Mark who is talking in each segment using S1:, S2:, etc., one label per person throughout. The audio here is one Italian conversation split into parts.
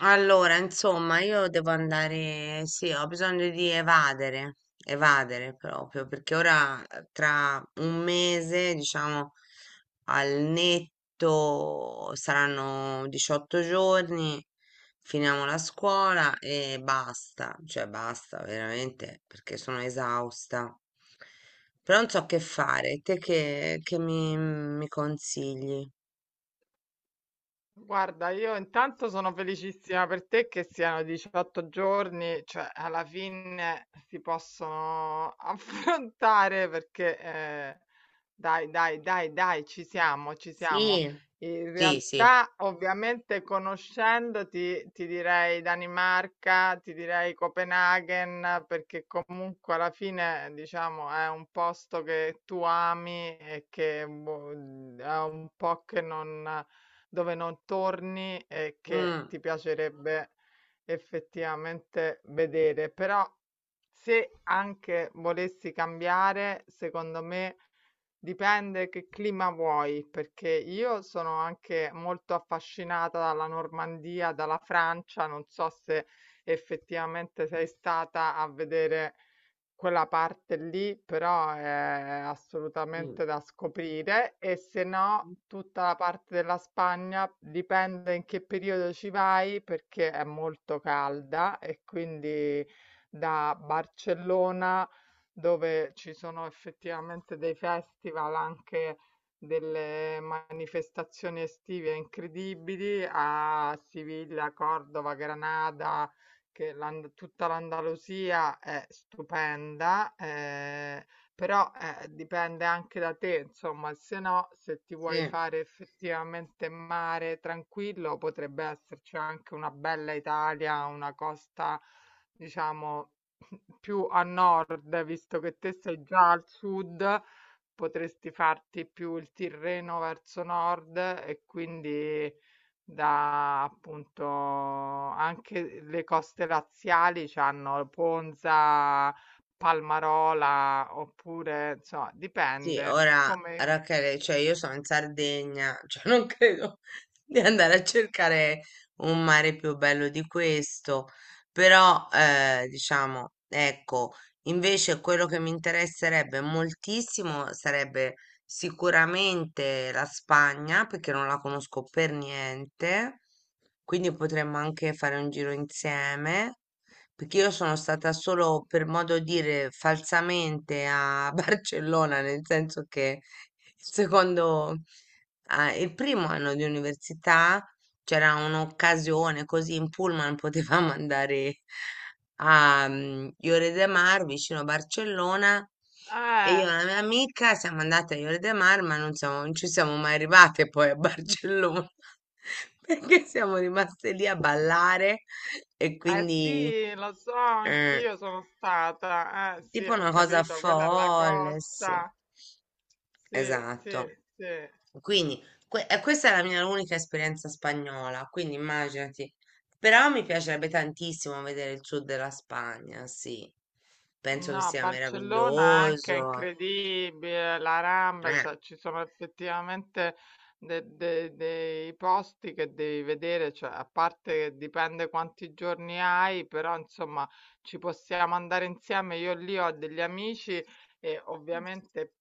S1: Allora, insomma, io devo andare, sì, ho bisogno di evadere, evadere proprio, perché ora tra un mese, diciamo, al netto saranno 18 giorni, finiamo la scuola e basta, cioè basta veramente, perché sono esausta. Però non so che fare, te che mi consigli?
S2: Guarda, io intanto sono felicissima per te che siano 18 giorni, cioè alla fine si possono affrontare perché dai, dai, dai, dai, ci siamo, ci siamo.
S1: Sì,
S2: In
S1: sì, sì.
S2: realtà, ovviamente, conoscendoti, ti direi Danimarca, ti direi Copenaghen, perché comunque alla fine, diciamo, è un posto che tu ami e che boh, è un po' che non, dove non torni e che
S1: Mm,
S2: ti piacerebbe effettivamente vedere. Però, se anche volessi cambiare, secondo me. Dipende che clima vuoi, perché io sono anche molto affascinata dalla Normandia, dalla Francia. Non so se effettivamente sei stata a vedere quella parte lì però è
S1: mm.
S2: assolutamente da scoprire, e se no tutta la parte della Spagna dipende in che periodo ci vai perché è molto calda e quindi da Barcellona dove ci sono effettivamente dei festival anche, delle manifestazioni estive incredibili, a Siviglia, Cordova, Granada, che tutta l'Andalusia è stupenda, però dipende anche da te, insomma, se no, se ti vuoi
S1: Sì,
S2: fare effettivamente mare tranquillo, potrebbe esserci anche una bella Italia, una costa, diciamo, più a nord, visto che te sei già al sud, potresti farti più il Tirreno verso nord, e quindi da appunto anche le coste laziali c'hanno Ponza, Palmarola, oppure insomma
S1: sì,
S2: dipende
S1: ora
S2: come.
S1: Rachele, cioè io sono in Sardegna, cioè non credo di andare a cercare un mare più bello di questo, però diciamo, ecco, invece quello che mi interesserebbe moltissimo sarebbe sicuramente la Spagna, perché non la conosco per niente, quindi potremmo anche fare un giro insieme. Perché io sono stata solo, per modo dire, falsamente a Barcellona, nel senso che il secondo, ah, il primo anno di università c'era un'occasione così in pullman potevamo andare a Lloret de Mar vicino a Barcellona e io
S2: eh,
S1: e la mia amica siamo andate a Lloret de Mar ma non ci siamo mai arrivate poi a Barcellona perché siamo rimaste lì a ballare e
S2: eh
S1: quindi
S2: sì, lo so,
S1: eh,
S2: anch'io sono stata. Eh sì,
S1: tipo
S2: ho
S1: una cosa
S2: capito, quella è la
S1: folle, sì,
S2: costa. Sì, sì,
S1: esatto.
S2: sì.
S1: Quindi e questa è la mia unica esperienza spagnola, quindi immaginati. Però mi piacerebbe tantissimo vedere il sud della Spagna, sì. Penso che
S2: No,
S1: sia
S2: Barcellona anche è
S1: meraviglioso.
S2: incredibile, la Rambla,
S1: Eh.
S2: cioè ci sono effettivamente dei posti che devi vedere, cioè, a parte che dipende quanti giorni hai, però insomma ci possiamo andare insieme. Io lì ho degli amici, e ovviamente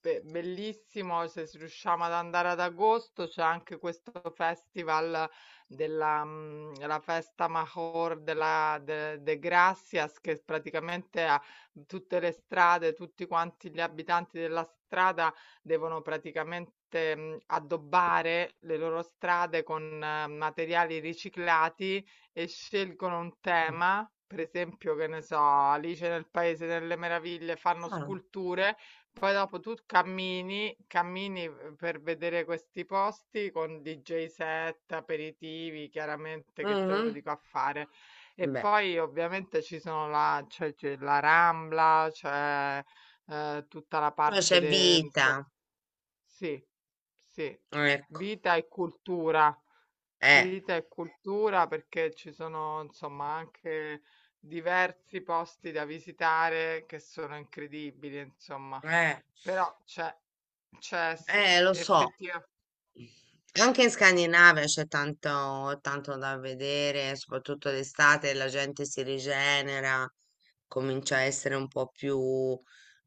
S2: bellissimo se riusciamo ad andare ad agosto, c'è anche questo festival la festa Major de Gracias, che praticamente ha tutte le strade, tutti quanti gli abitanti della strada devono praticamente, addobbare le loro strade con materiali riciclati, e scelgono un tema, per esempio, che ne so, Alice nel Paese delle Meraviglie, fanno
S1: Ah,
S2: sculture, poi dopo tu cammini, cammini, per vedere questi posti con DJ set, aperitivi, chiaramente che te lo
S1: mhm.
S2: dico a fare. E
S1: Beh,
S2: poi ovviamente ci sono la c'è la Rambla, tutta la
S1: poi
S2: parte
S1: c'è
S2: de insom
S1: vita,
S2: sì, sì,
S1: ecco.
S2: vita e cultura,
S1: Eh,
S2: vita e cultura, perché ci sono insomma anche diversi posti da visitare che sono incredibili insomma,
S1: eh,
S2: però c'è c'è s
S1: lo so.
S2: effettiva
S1: Anche in Scandinavia c'è tanto, tanto da vedere, soprattutto d'estate la gente si rigenera, comincia a essere un po' più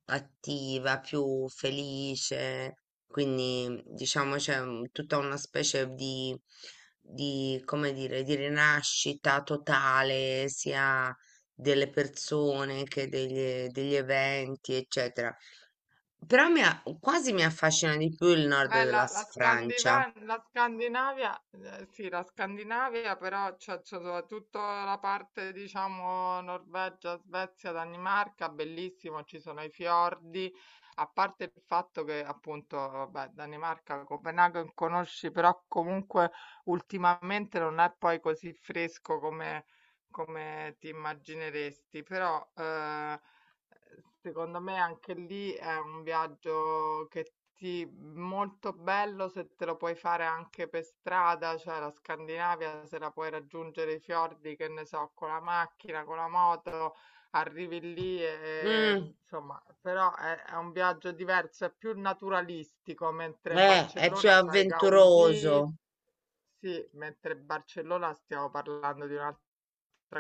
S1: attiva, più felice, quindi diciamo tutta una specie di, come dire, di rinascita totale, sia delle persone che degli eventi, eccetera. Però quasi mi affascina di più il nord
S2: Beh,
S1: della
S2: la
S1: Francia.
S2: La Scandinavia, sì, la Scandinavia, però c'è soprattutto la parte, diciamo, Norvegia, Svezia, Danimarca, bellissimo, ci sono i fiordi, a parte il fatto che appunto, vabbè, Danimarca, Copenaghen conosci, però comunque ultimamente non è poi così fresco come, come ti immagineresti, però. Secondo me anche lì è un viaggio che ti molto bello se te lo puoi fare anche per strada, cioè la Scandinavia, se la puoi raggiungere i fiordi, che ne so, con la macchina, con la moto, arrivi lì e
S1: Mm,
S2: insomma, però è un viaggio diverso, è più naturalistico, mentre
S1: è più
S2: Barcellona c'hai Gaudì,
S1: avventuroso.
S2: sì, mentre Barcellona stiamo parlando di un'altra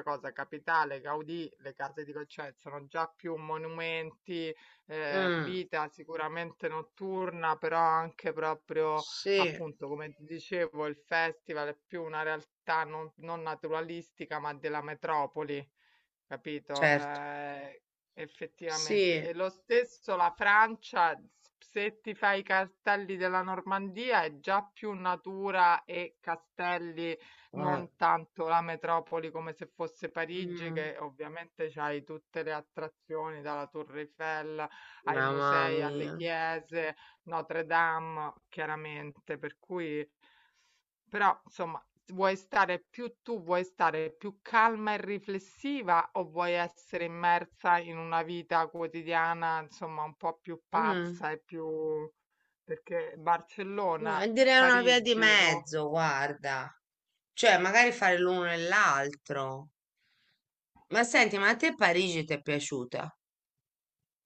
S2: cosa, capitale, Gaudì, le case di Gauchet sono già più monumenti,
S1: Mm,
S2: vita sicuramente notturna, però anche proprio
S1: sì,
S2: appunto, come ti dicevo, il festival è più una realtà non naturalistica, ma della metropoli. Capito?
S1: certo,
S2: Effettivamente.
S1: sì.
S2: E lo stesso la Francia, se ti fai i castelli della Normandia, è già più natura e castelli,
S1: Eh,
S2: non tanto la metropoli come se fosse Parigi,
S1: mm,
S2: che ovviamente c'hai tutte le attrazioni, dalla Torre Eiffel ai
S1: mamma
S2: musei, alle
S1: mia.
S2: chiese, Notre Dame, chiaramente, per cui però insomma, vuoi stare più tu, vuoi stare più calma e riflessiva o vuoi essere immersa in una vita quotidiana, insomma, un po' più
S1: Mm,
S2: pazza e più perché Barcellona,
S1: direi una via di
S2: Parigi o.
S1: mezzo, guarda. Cioè, magari fare l'uno e l'altro. Ma senti, ma a te Parigi ti è piaciuta?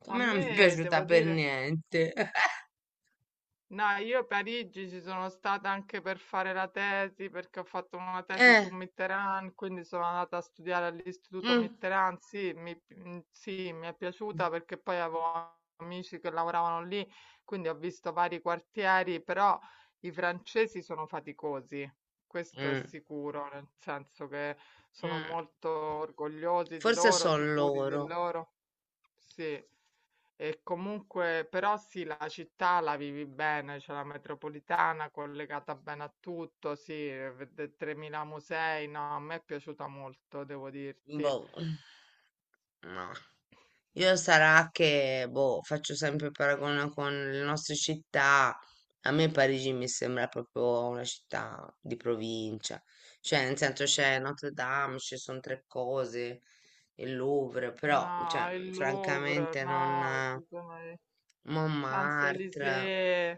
S1: A
S2: a
S1: me non
S2: me
S1: mi è
S2: devo
S1: piaciuta per
S2: dire
S1: niente.
S2: No, io a Parigi ci sono stata anche per fare la tesi, perché ho fatto una tesi su
S1: Eh,
S2: Mitterrand, quindi sono andata a studiare all'Istituto
S1: mm,
S2: Mitterrand. Sì, sì, mi è piaciuta perché poi avevo amici che lavoravano lì, quindi ho visto vari quartieri, però i francesi sono faticosi, questo è
S1: mm,
S2: sicuro, nel senso che sono
S1: mm.
S2: molto orgogliosi di
S1: Forse
S2: loro,
S1: sono
S2: sicuri di
S1: loro.
S2: loro. Sì. E comunque, però sì, la città la vivi bene, c'è la metropolitana collegata bene a tutto, sì, 3.000 musei, no, a me è piaciuta molto, devo dirti.
S1: Boh, no. Io sarà che, boh, faccio sempre il paragone con le nostre città. A me Parigi mi sembra proprio una città di provincia. Cioè, nel senso c'è Notre Dame, ci sono tre cose, il Louvre, però,
S2: No,
S1: cioè,
S2: il Louvre,
S1: francamente non.
S2: no, ci sono i
S1: Montmartre.
S2: Champs-Élysées,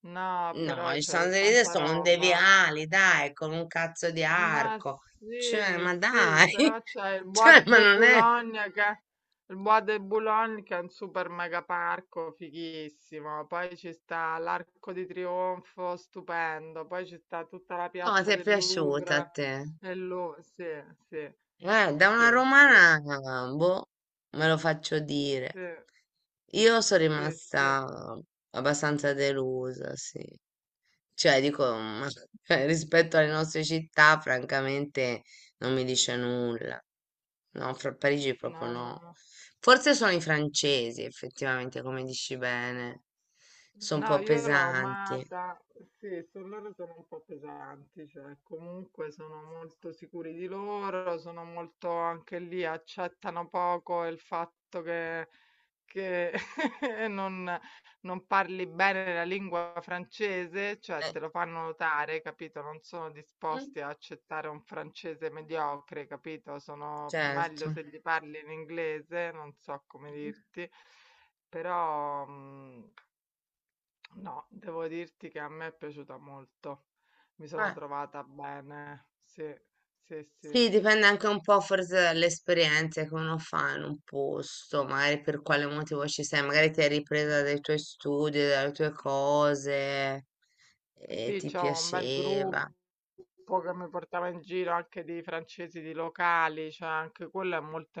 S2: no,
S1: No,
S2: però
S1: i
S2: c'è
S1: Champs-Élysées
S2: tanta
S1: sono dei
S2: roba.
S1: viali, dai, con un cazzo di
S2: Ma
S1: arco. Cioè,
S2: sì,
S1: ma
S2: sì,
S1: dai!
S2: però c'è
S1: Cioè, ma non è...
S2: Il Bois de Boulogne che è un super mega parco fighissimo, poi ci sta l'Arco di Trionfo, stupendo, poi ci sta tutta la
S1: No, ti
S2: piazza
S1: è
S2: del
S1: piaciuta a
S2: Louvre
S1: te?
S2: e lo sì, sì,
S1: Da una
S2: sì, sì,
S1: romana, boh, me lo faccio dire.
S2: sì,
S1: Io sono
S2: sì, sì,
S1: rimasta abbastanza delusa, sì. Cioè, dico, ma cioè, rispetto alle nostre città, francamente, non mi dice nulla. No, fra Parigi proprio
S2: no, no,
S1: no.
S2: no.
S1: Forse sono i francesi, effettivamente, come dici bene. Sono un
S2: No,
S1: po'
S2: io l'ho
S1: pesanti.
S2: amata, sì, su loro sono un po' pesanti, cioè comunque sono molto sicuri di loro, sono molto anche lì, accettano poco il fatto che non, non parli bene la lingua francese, cioè
S1: Eh,
S2: te lo fanno notare, capito? Non sono
S1: mm,
S2: disposti a accettare un francese mediocre, capito? Sono meglio
S1: certo.
S2: se gli parli in inglese, non so come dirti, però. No, devo dirti che a me è piaciuta molto. Mi sono
S1: Eh.
S2: trovata bene. Sì, sì, sì.
S1: Sì, dipende anche un po' forse dalle esperienze che uno fa in un posto, magari per quale motivo ci sei, magari ti hai ripresa dai tuoi studi, dalle tue cose e
S2: Sì,
S1: ti
S2: c'ho un bel
S1: piaceva.
S2: gruppo che mi portava in giro anche di francesi, di locali, cioè anche quello è molto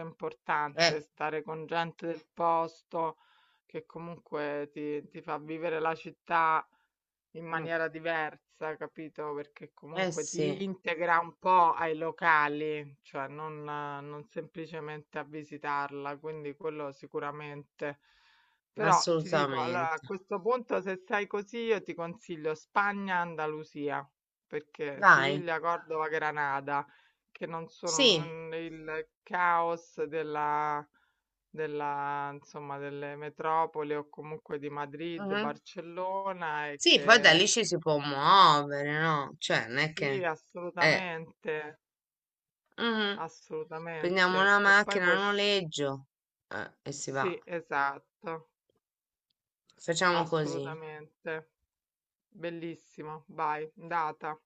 S1: Eh,
S2: importante, stare con gente del posto che comunque ti fa vivere la città in
S1: mm,
S2: maniera diversa, capito? Perché
S1: eh
S2: comunque
S1: sì,
S2: ti integra un po' ai locali, cioè non semplicemente a visitarla, quindi quello sicuramente. Però ti dico, allora a
S1: assolutamente.
S2: questo punto se sei così io ti consiglio Spagna, Andalusia, perché
S1: Dai,
S2: Siviglia, Cordova, Granada, che non sono
S1: sì,
S2: il caos della insomma, delle metropoli o comunque di Madrid,
S1: mhm.
S2: Barcellona, e
S1: Sì, poi da
S2: che
S1: lì ci si può muovere, no? Cioè, non è
S2: sì,
S1: che... Eh,
S2: assolutamente,
S1: mhm. Prendiamo
S2: assolutamente.
S1: una
S2: E poi
S1: macchina a
S2: puoi...
S1: noleggio e si va.
S2: Sì, esatto,
S1: Facciamo così.
S2: assolutamente. Bellissimo, vai, data.